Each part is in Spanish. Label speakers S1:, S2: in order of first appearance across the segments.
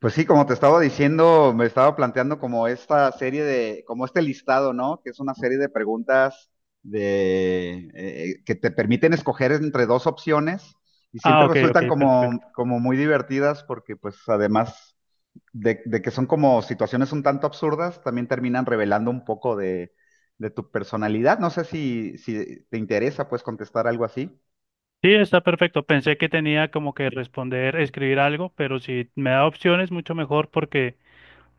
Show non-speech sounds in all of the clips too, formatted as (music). S1: Pues sí, como te estaba diciendo, me estaba planteando como esta serie de, como este listado, ¿no? Que es una serie de preguntas de, que te permiten escoger entre dos opciones y
S2: Ah,
S1: siempre
S2: ok, ok,
S1: resultan
S2: perfecto.
S1: como muy divertidas porque pues además de que son como situaciones un tanto absurdas, también terminan revelando un poco de tu personalidad. No sé si te interesa pues contestar algo así.
S2: Sí, está perfecto. Pensé que tenía como que responder, escribir algo, pero si me da opciones, mucho mejor porque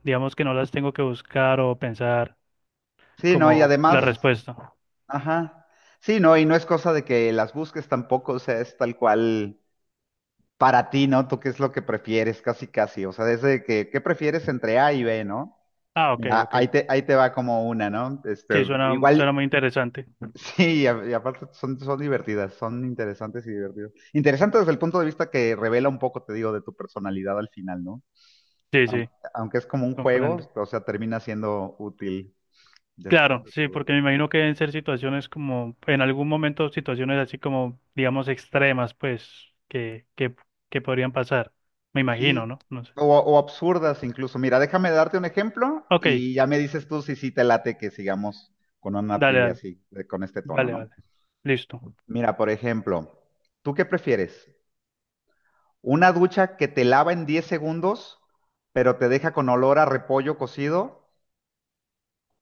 S2: digamos que no las tengo que buscar o pensar
S1: Sí, no, y
S2: como la
S1: además.
S2: respuesta.
S1: Ajá. Sí, no, y no es cosa de que las busques tampoco, o sea, es tal cual para ti, ¿no? Tú qué es lo que prefieres, casi, casi. O sea, desde que, ¿qué prefieres entre A y B?, ¿no?
S2: Ah, ok,
S1: Mira, ahí
S2: ok.
S1: te, ahí te va como una, ¿no?
S2: Sí,
S1: Este,
S2: suena,
S1: igual,
S2: suena muy interesante.
S1: (laughs) sí, y aparte son divertidas, son interesantes y divertidas. Interesantes desde el punto de vista que revela un poco, te digo, de tu personalidad al final, ¿no?
S2: Sí,
S1: Aunque,
S2: sí,
S1: aunque es como un juego,
S2: comprendo.
S1: o sea, termina siendo útil después
S2: Claro,
S1: de
S2: sí,
S1: todo.
S2: porque me imagino que deben ser situaciones como, en algún momento, situaciones así como, digamos, extremas, pues, que podrían pasar. Me imagino,
S1: Sí,
S2: ¿no? No sé.
S1: o absurdas incluso. Mira, déjame darte un ejemplo
S2: Ok,
S1: y ya me dices tú si sí te late que sigamos con una
S2: dale,
S1: trivia
S2: dale,
S1: así, con este tono,
S2: vale,
S1: ¿no?
S2: vale. Listo.
S1: Mira, por ejemplo, ¿tú qué prefieres? ¿Una ducha que te lava en 10 segundos, pero te deja con olor a repollo cocido?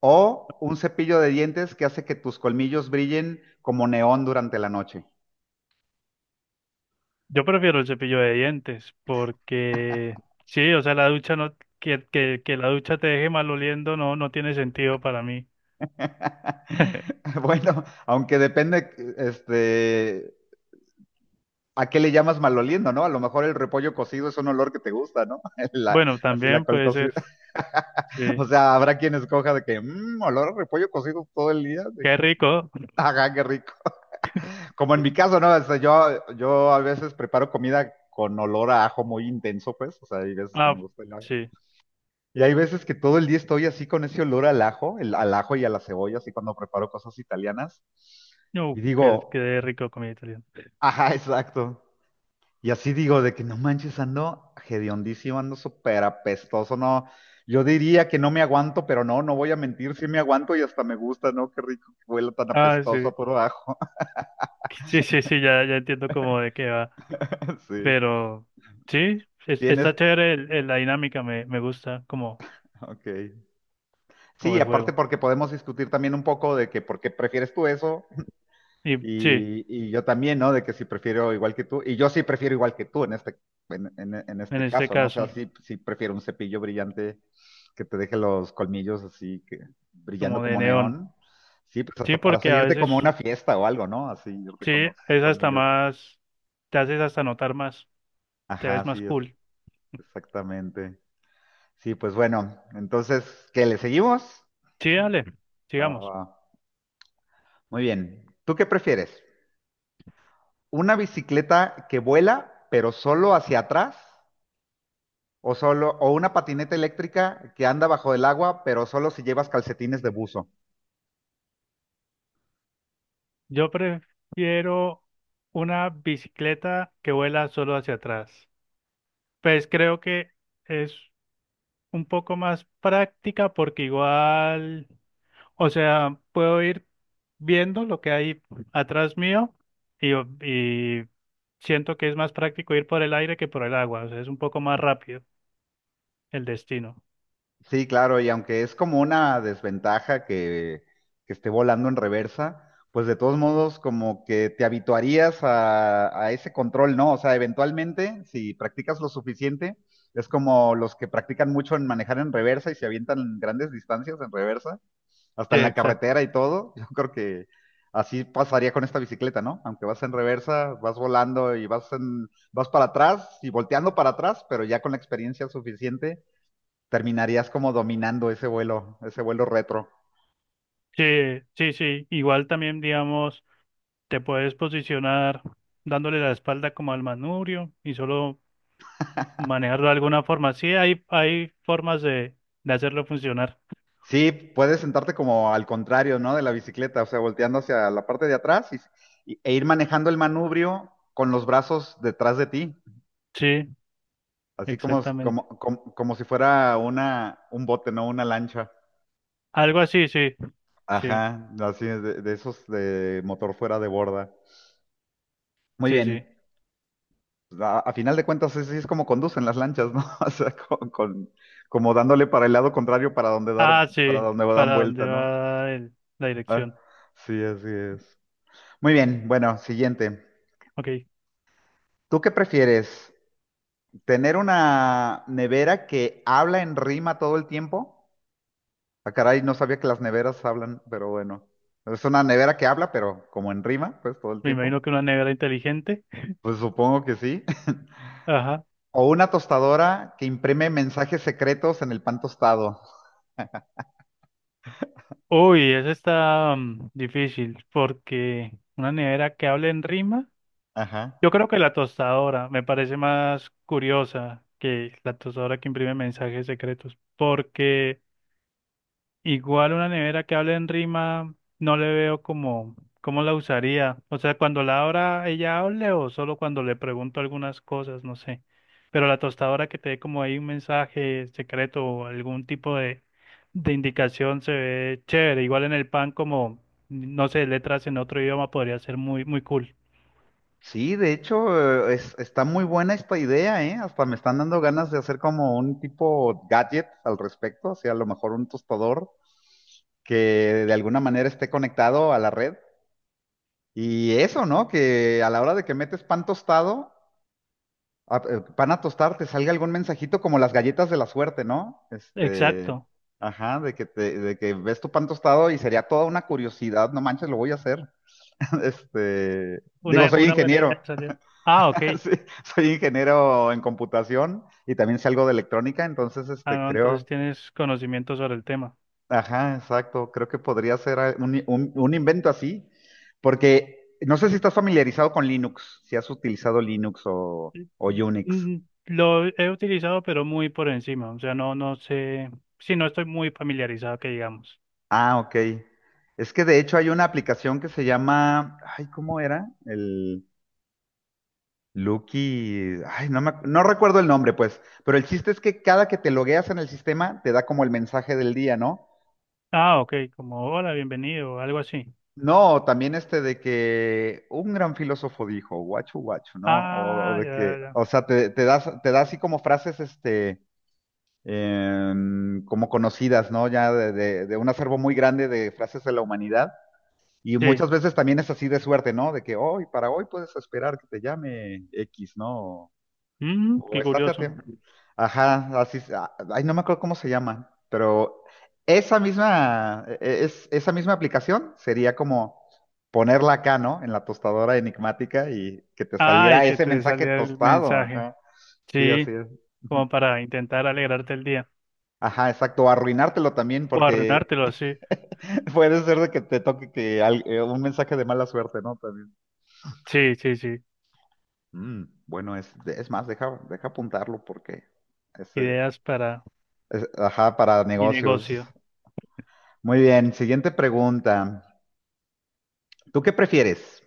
S1: ¿O un cepillo de dientes que hace que tus colmillos brillen como neón durante la noche?
S2: Yo prefiero el cepillo de dientes porque sí, o sea, la ducha no, que la ducha te deje maloliendo no, no tiene sentido para mí.
S1: (laughs) Bueno, aunque depende, este, ¿a qué le llamas maloliendo? ¿No? A lo mejor el repollo cocido es un olor que te gusta, ¿no? (laughs) La-
S2: Bueno,
S1: Así la
S2: también
S1: col
S2: puede
S1: cocida.
S2: ser,
S1: (laughs)
S2: sí.
S1: O sea, habrá quien escoja de que, mmm, olor a repollo cocido todo el día. De,
S2: Qué rico.
S1: (laughs) ajá, qué rico. Como en
S2: Sí.
S1: mi caso, ¿no? O sea, yo a veces preparo comida con olor a ajo muy intenso, pues. O sea, hay veces que
S2: Ah,
S1: me gusta el ajo.
S2: sí.
S1: Y hay veces que todo el día estoy así con ese olor al ajo, al ajo y a la cebolla, así cuando preparo cosas italianas.
S2: No,
S1: Y digo,
S2: qué rico comida italiana.
S1: ajá, (laughs) exacto. Y así digo, de que no manches, ando hediondísimo, ando súper apestoso, no. Yo diría que no me aguanto, pero no, no voy a mentir, sí me aguanto y hasta me gusta, ¿no? Qué rico que huela tan
S2: Ah,
S1: apestoso
S2: sí.
S1: por abajo.
S2: Sí, sí, sí, ya, ya entiendo como de qué va.
S1: (laughs) Sí.
S2: Pero sí,
S1: Tienes,
S2: está chévere la dinámica, me gusta como,
S1: ok.
S2: como
S1: Sí,
S2: el
S1: aparte
S2: juego.
S1: porque podemos discutir también un poco de que por qué prefieres tú eso.
S2: Y sí,
S1: Y, yo también, ¿no? De que sí prefiero igual que tú. Y yo sí prefiero igual que tú en este, en, en, en
S2: en
S1: este
S2: este
S1: caso, ¿no? O
S2: caso,
S1: sea, sí, sí prefiero un cepillo brillante que te deje los colmillos así, que, brillando
S2: como de
S1: como
S2: neón.
S1: neón. Sí, pues
S2: Sí,
S1: hasta para
S2: porque a
S1: salirte como a
S2: veces
S1: una fiesta o algo, ¿no? Así, irte
S2: sí,
S1: con los
S2: es hasta
S1: colmillos.
S2: más, te haces hasta notar más, te
S1: Ajá,
S2: ves más
S1: sí, es,
S2: cool.
S1: exactamente. Sí, pues bueno, entonces, ¿qué le seguimos?
S2: Sí, dale,
S1: Ah,
S2: sigamos.
S1: ah, muy bien. ¿Tú qué prefieres? ¿Una bicicleta que vuela, pero solo hacia atrás? O una patineta eléctrica que anda bajo el agua, pero solo si llevas calcetines de buzo.
S2: Yo prefiero una bicicleta que vuela solo hacia atrás. Pues creo que es un poco más práctica porque igual, o sea, puedo ir viendo lo que hay atrás mío y, y siento que es más práctico ir por el aire que por el agua, o sea, es un poco más rápido el destino.
S1: Sí, claro, y aunque es como una desventaja que esté volando en reversa, pues de todos modos como que te habituarías a ese control, ¿no? O sea, eventualmente, si practicas lo suficiente, es como los que practican mucho en manejar en reversa y se avientan grandes distancias en reversa, hasta
S2: Sí,
S1: en la
S2: exacto.
S1: carretera y todo. (laughs) Yo creo que así pasaría con esta bicicleta, ¿no? Aunque vas en reversa, vas volando y vas para atrás y volteando para atrás, pero ya con la experiencia suficiente terminarías como dominando ese vuelo retro.
S2: Sí, sí, sí. Igual también, digamos, te puedes posicionar dándole la espalda como al manubrio y solo manejarlo de alguna forma. Sí, hay formas de hacerlo funcionar.
S1: Sí, puedes sentarte como al contrario, ¿no? De la bicicleta, o sea, volteando hacia la parte de atrás y, e ir manejando el manubrio con los brazos detrás de ti,
S2: Sí,
S1: así como,
S2: exactamente.
S1: como, como, como si fuera un bote, ¿no? Una lancha.
S2: Algo así, sí. Sí,
S1: Ajá, no, así es, de esos de motor fuera de borda. Muy
S2: sí,
S1: bien.
S2: sí.
S1: Pues, a final de cuentas, así es como conducen las lanchas, ¿no? (laughs) O sea, como dándole para el lado contrario
S2: Ah,
S1: para
S2: sí.
S1: donde dan
S2: ¿Para dónde
S1: vuelta, ¿no?
S2: va la
S1: Ah,
S2: dirección?
S1: sí, así es. Muy bien, bueno, siguiente.
S2: Ok.
S1: ¿Tú qué prefieres? ¿Tener una nevera que habla en rima todo el tiempo? Ah, caray, no sabía que las neveras hablan, pero bueno. Es una nevera que habla, pero como en rima, pues todo el
S2: Me
S1: tiempo.
S2: imagino que una nevera inteligente.
S1: Pues supongo que sí.
S2: Ajá.
S1: O una tostadora que imprime mensajes secretos en el pan tostado.
S2: Uy, esa está mm, difícil porque una nevera que hable en rima.
S1: Ajá.
S2: Yo creo que la tostadora me parece más curiosa que la tostadora que imprime mensajes secretos, porque igual una nevera que hable en rima no le veo como cómo la usaría. O sea, cuando la abra ella hable o solo cuando le pregunto algunas cosas, no sé. Pero la tostadora que te dé como ahí un mensaje secreto o algún tipo de indicación se ve chévere. Igual en el pan como, no sé, letras en otro idioma podría ser muy, muy cool.
S1: Sí, de hecho, está muy buena esta idea, ¿eh? Hasta me están dando ganas de hacer como un tipo gadget al respecto, o sea, a lo mejor un tostador que de alguna manera esté conectado a la red. Y eso, ¿no? Que a la hora de que metes pan tostado, pan a tostar, te salga algún mensajito como las galletas de la suerte, ¿no? Este,
S2: Exacto.
S1: ajá, de que te, de que ves tu pan tostado y sería toda una curiosidad, no manches, lo voy a hacer. (laughs) Este, digo, soy
S2: Una buena idea
S1: ingeniero,
S2: te salió. Ah, ok.
S1: (laughs) sí, soy ingeniero en computación y también sé algo de electrónica, entonces
S2: Ah,
S1: este,
S2: no, entonces
S1: creo,
S2: tienes conocimiento sobre el tema.
S1: ajá, exacto, creo que podría ser un invento así, porque no sé si estás familiarizado con Linux, si has utilizado Linux o Unix.
S2: Mm, lo he utilizado, pero muy por encima. O sea, no, no sé. Sí, no estoy muy familiarizado, que digamos.
S1: Ah, ok. Es que de hecho hay una aplicación que se llama, ay, ¿cómo era? El, Lucky, ay, no recuerdo el nombre, pues, pero el chiste es que cada que te logueas en el sistema te da como el mensaje del día, ¿no?
S2: Ah, ok. Como hola, bienvenido, o algo así.
S1: No, también este de que un gran filósofo dijo, guacho guacho, ¿no? O
S2: Ah,
S1: de
S2: ya, ya,
S1: que,
S2: ya.
S1: o sea, te das, te da así como frases, este, como conocidas, ¿no? Ya de, de un acervo muy grande de frases de la humanidad. Y
S2: Sí.
S1: muchas veces también es así de suerte, ¿no? De que hoy, para hoy puedes esperar que te llame X, ¿no?
S2: Mm,
S1: O
S2: qué
S1: estate a
S2: curioso.
S1: tiempo. Ajá, así, ay, no me acuerdo cómo se llama, pero esa misma, e- e-, es, esa misma aplicación sería como ponerla acá, ¿no? En la tostadora enigmática y que te
S2: Ay,
S1: saliera
S2: que
S1: ese
S2: te
S1: mensaje
S2: salía el
S1: tostado,
S2: mensaje.
S1: ajá. Sí,
S2: Sí,
S1: así es. Ujú.
S2: como para intentar alegrarte el día.
S1: Ajá, exacto, o arruinártelo también
S2: O
S1: porque
S2: arruinártelo, sí.
S1: (laughs) puede ser de que te toque un mensaje de mala suerte, ¿no? También.
S2: Sí, sí, sí.
S1: Mm, bueno, es más, deja apuntarlo porque ese,
S2: Ideas para
S1: ajá, para
S2: mi
S1: negocios.
S2: negocio.
S1: Muy bien, siguiente pregunta. ¿Tú qué prefieres?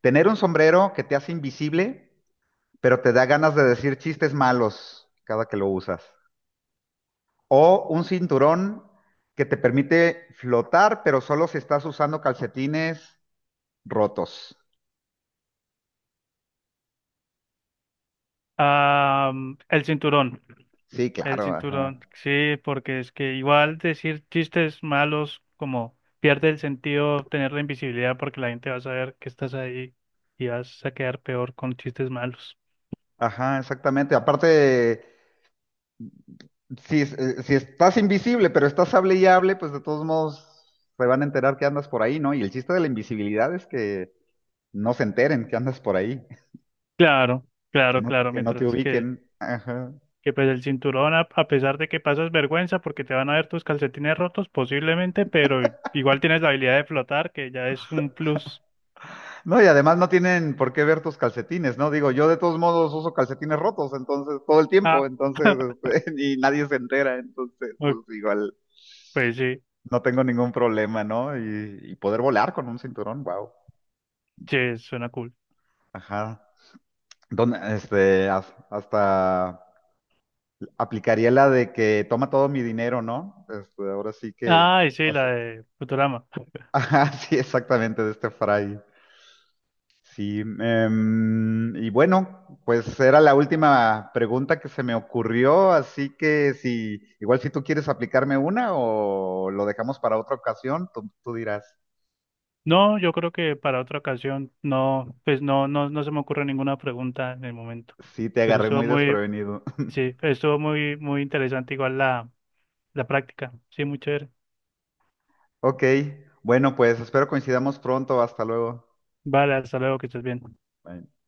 S1: ¿Tener un sombrero que te hace invisible, pero te da ganas de decir chistes malos cada que lo usas? ¿O un cinturón que te permite flotar, pero solo si estás usando calcetines rotos?
S2: Ah, el cinturón,
S1: Sí,
S2: el
S1: claro, ajá.
S2: cinturón, sí, porque es que igual decir chistes malos como pierde el sentido tener la invisibilidad porque la gente va a saber que estás ahí y vas a quedar peor con chistes malos.
S1: Ajá, exactamente. Aparte, si estás invisible, pero estás hable y hable, pues de todos modos se van a enterar que andas por ahí, ¿no? Y el chiste de la invisibilidad es que no se enteren que andas por ahí.
S2: Claro, claro, claro,
S1: Que no te
S2: mientras
S1: ubiquen. Ajá.
S2: que pues el cinturón, a pesar de que pasas vergüenza porque te van a ver tus calcetines rotos posiblemente, pero igual tienes la habilidad de flotar, que ya es un plus.
S1: No, y además no tienen por qué ver tus calcetines, ¿no? Digo, yo de todos modos uso calcetines rotos, entonces, todo el
S2: Ah,
S1: tiempo, entonces,
S2: (laughs)
S1: este, (laughs) y nadie se entera, entonces, pues
S2: ok,
S1: igual
S2: pues sí,
S1: no tengo ningún problema, ¿no? Y poder volar con un cinturón, wow.
S2: sí, suena cool.
S1: Ajá. Donde, este, hasta aplicaría la de que toma todo mi dinero, ¿no? Este, ahora sí que,
S2: Ay, sí,
S1: o
S2: la
S1: sea,
S2: de Futurama.
S1: (laughs) ajá, sí, exactamente, de este fray. Sí, y bueno, pues era la última pregunta que se me ocurrió, así que igual si tú quieres aplicarme una o lo dejamos para otra ocasión, tú dirás.
S2: No, yo creo que para otra ocasión no, pues no, no, no se me ocurre ninguna pregunta en el momento.
S1: Sí, te
S2: Pero
S1: agarré
S2: estuvo
S1: muy
S2: muy,
S1: desprevenido. (laughs)
S2: sí, estuvo muy, muy interesante igual la, la práctica. Sí, muy chévere.
S1: Ok, bueno, pues espero coincidamos pronto. Hasta luego.
S2: Vale, hasta luego, que estés bien.
S1: Bye.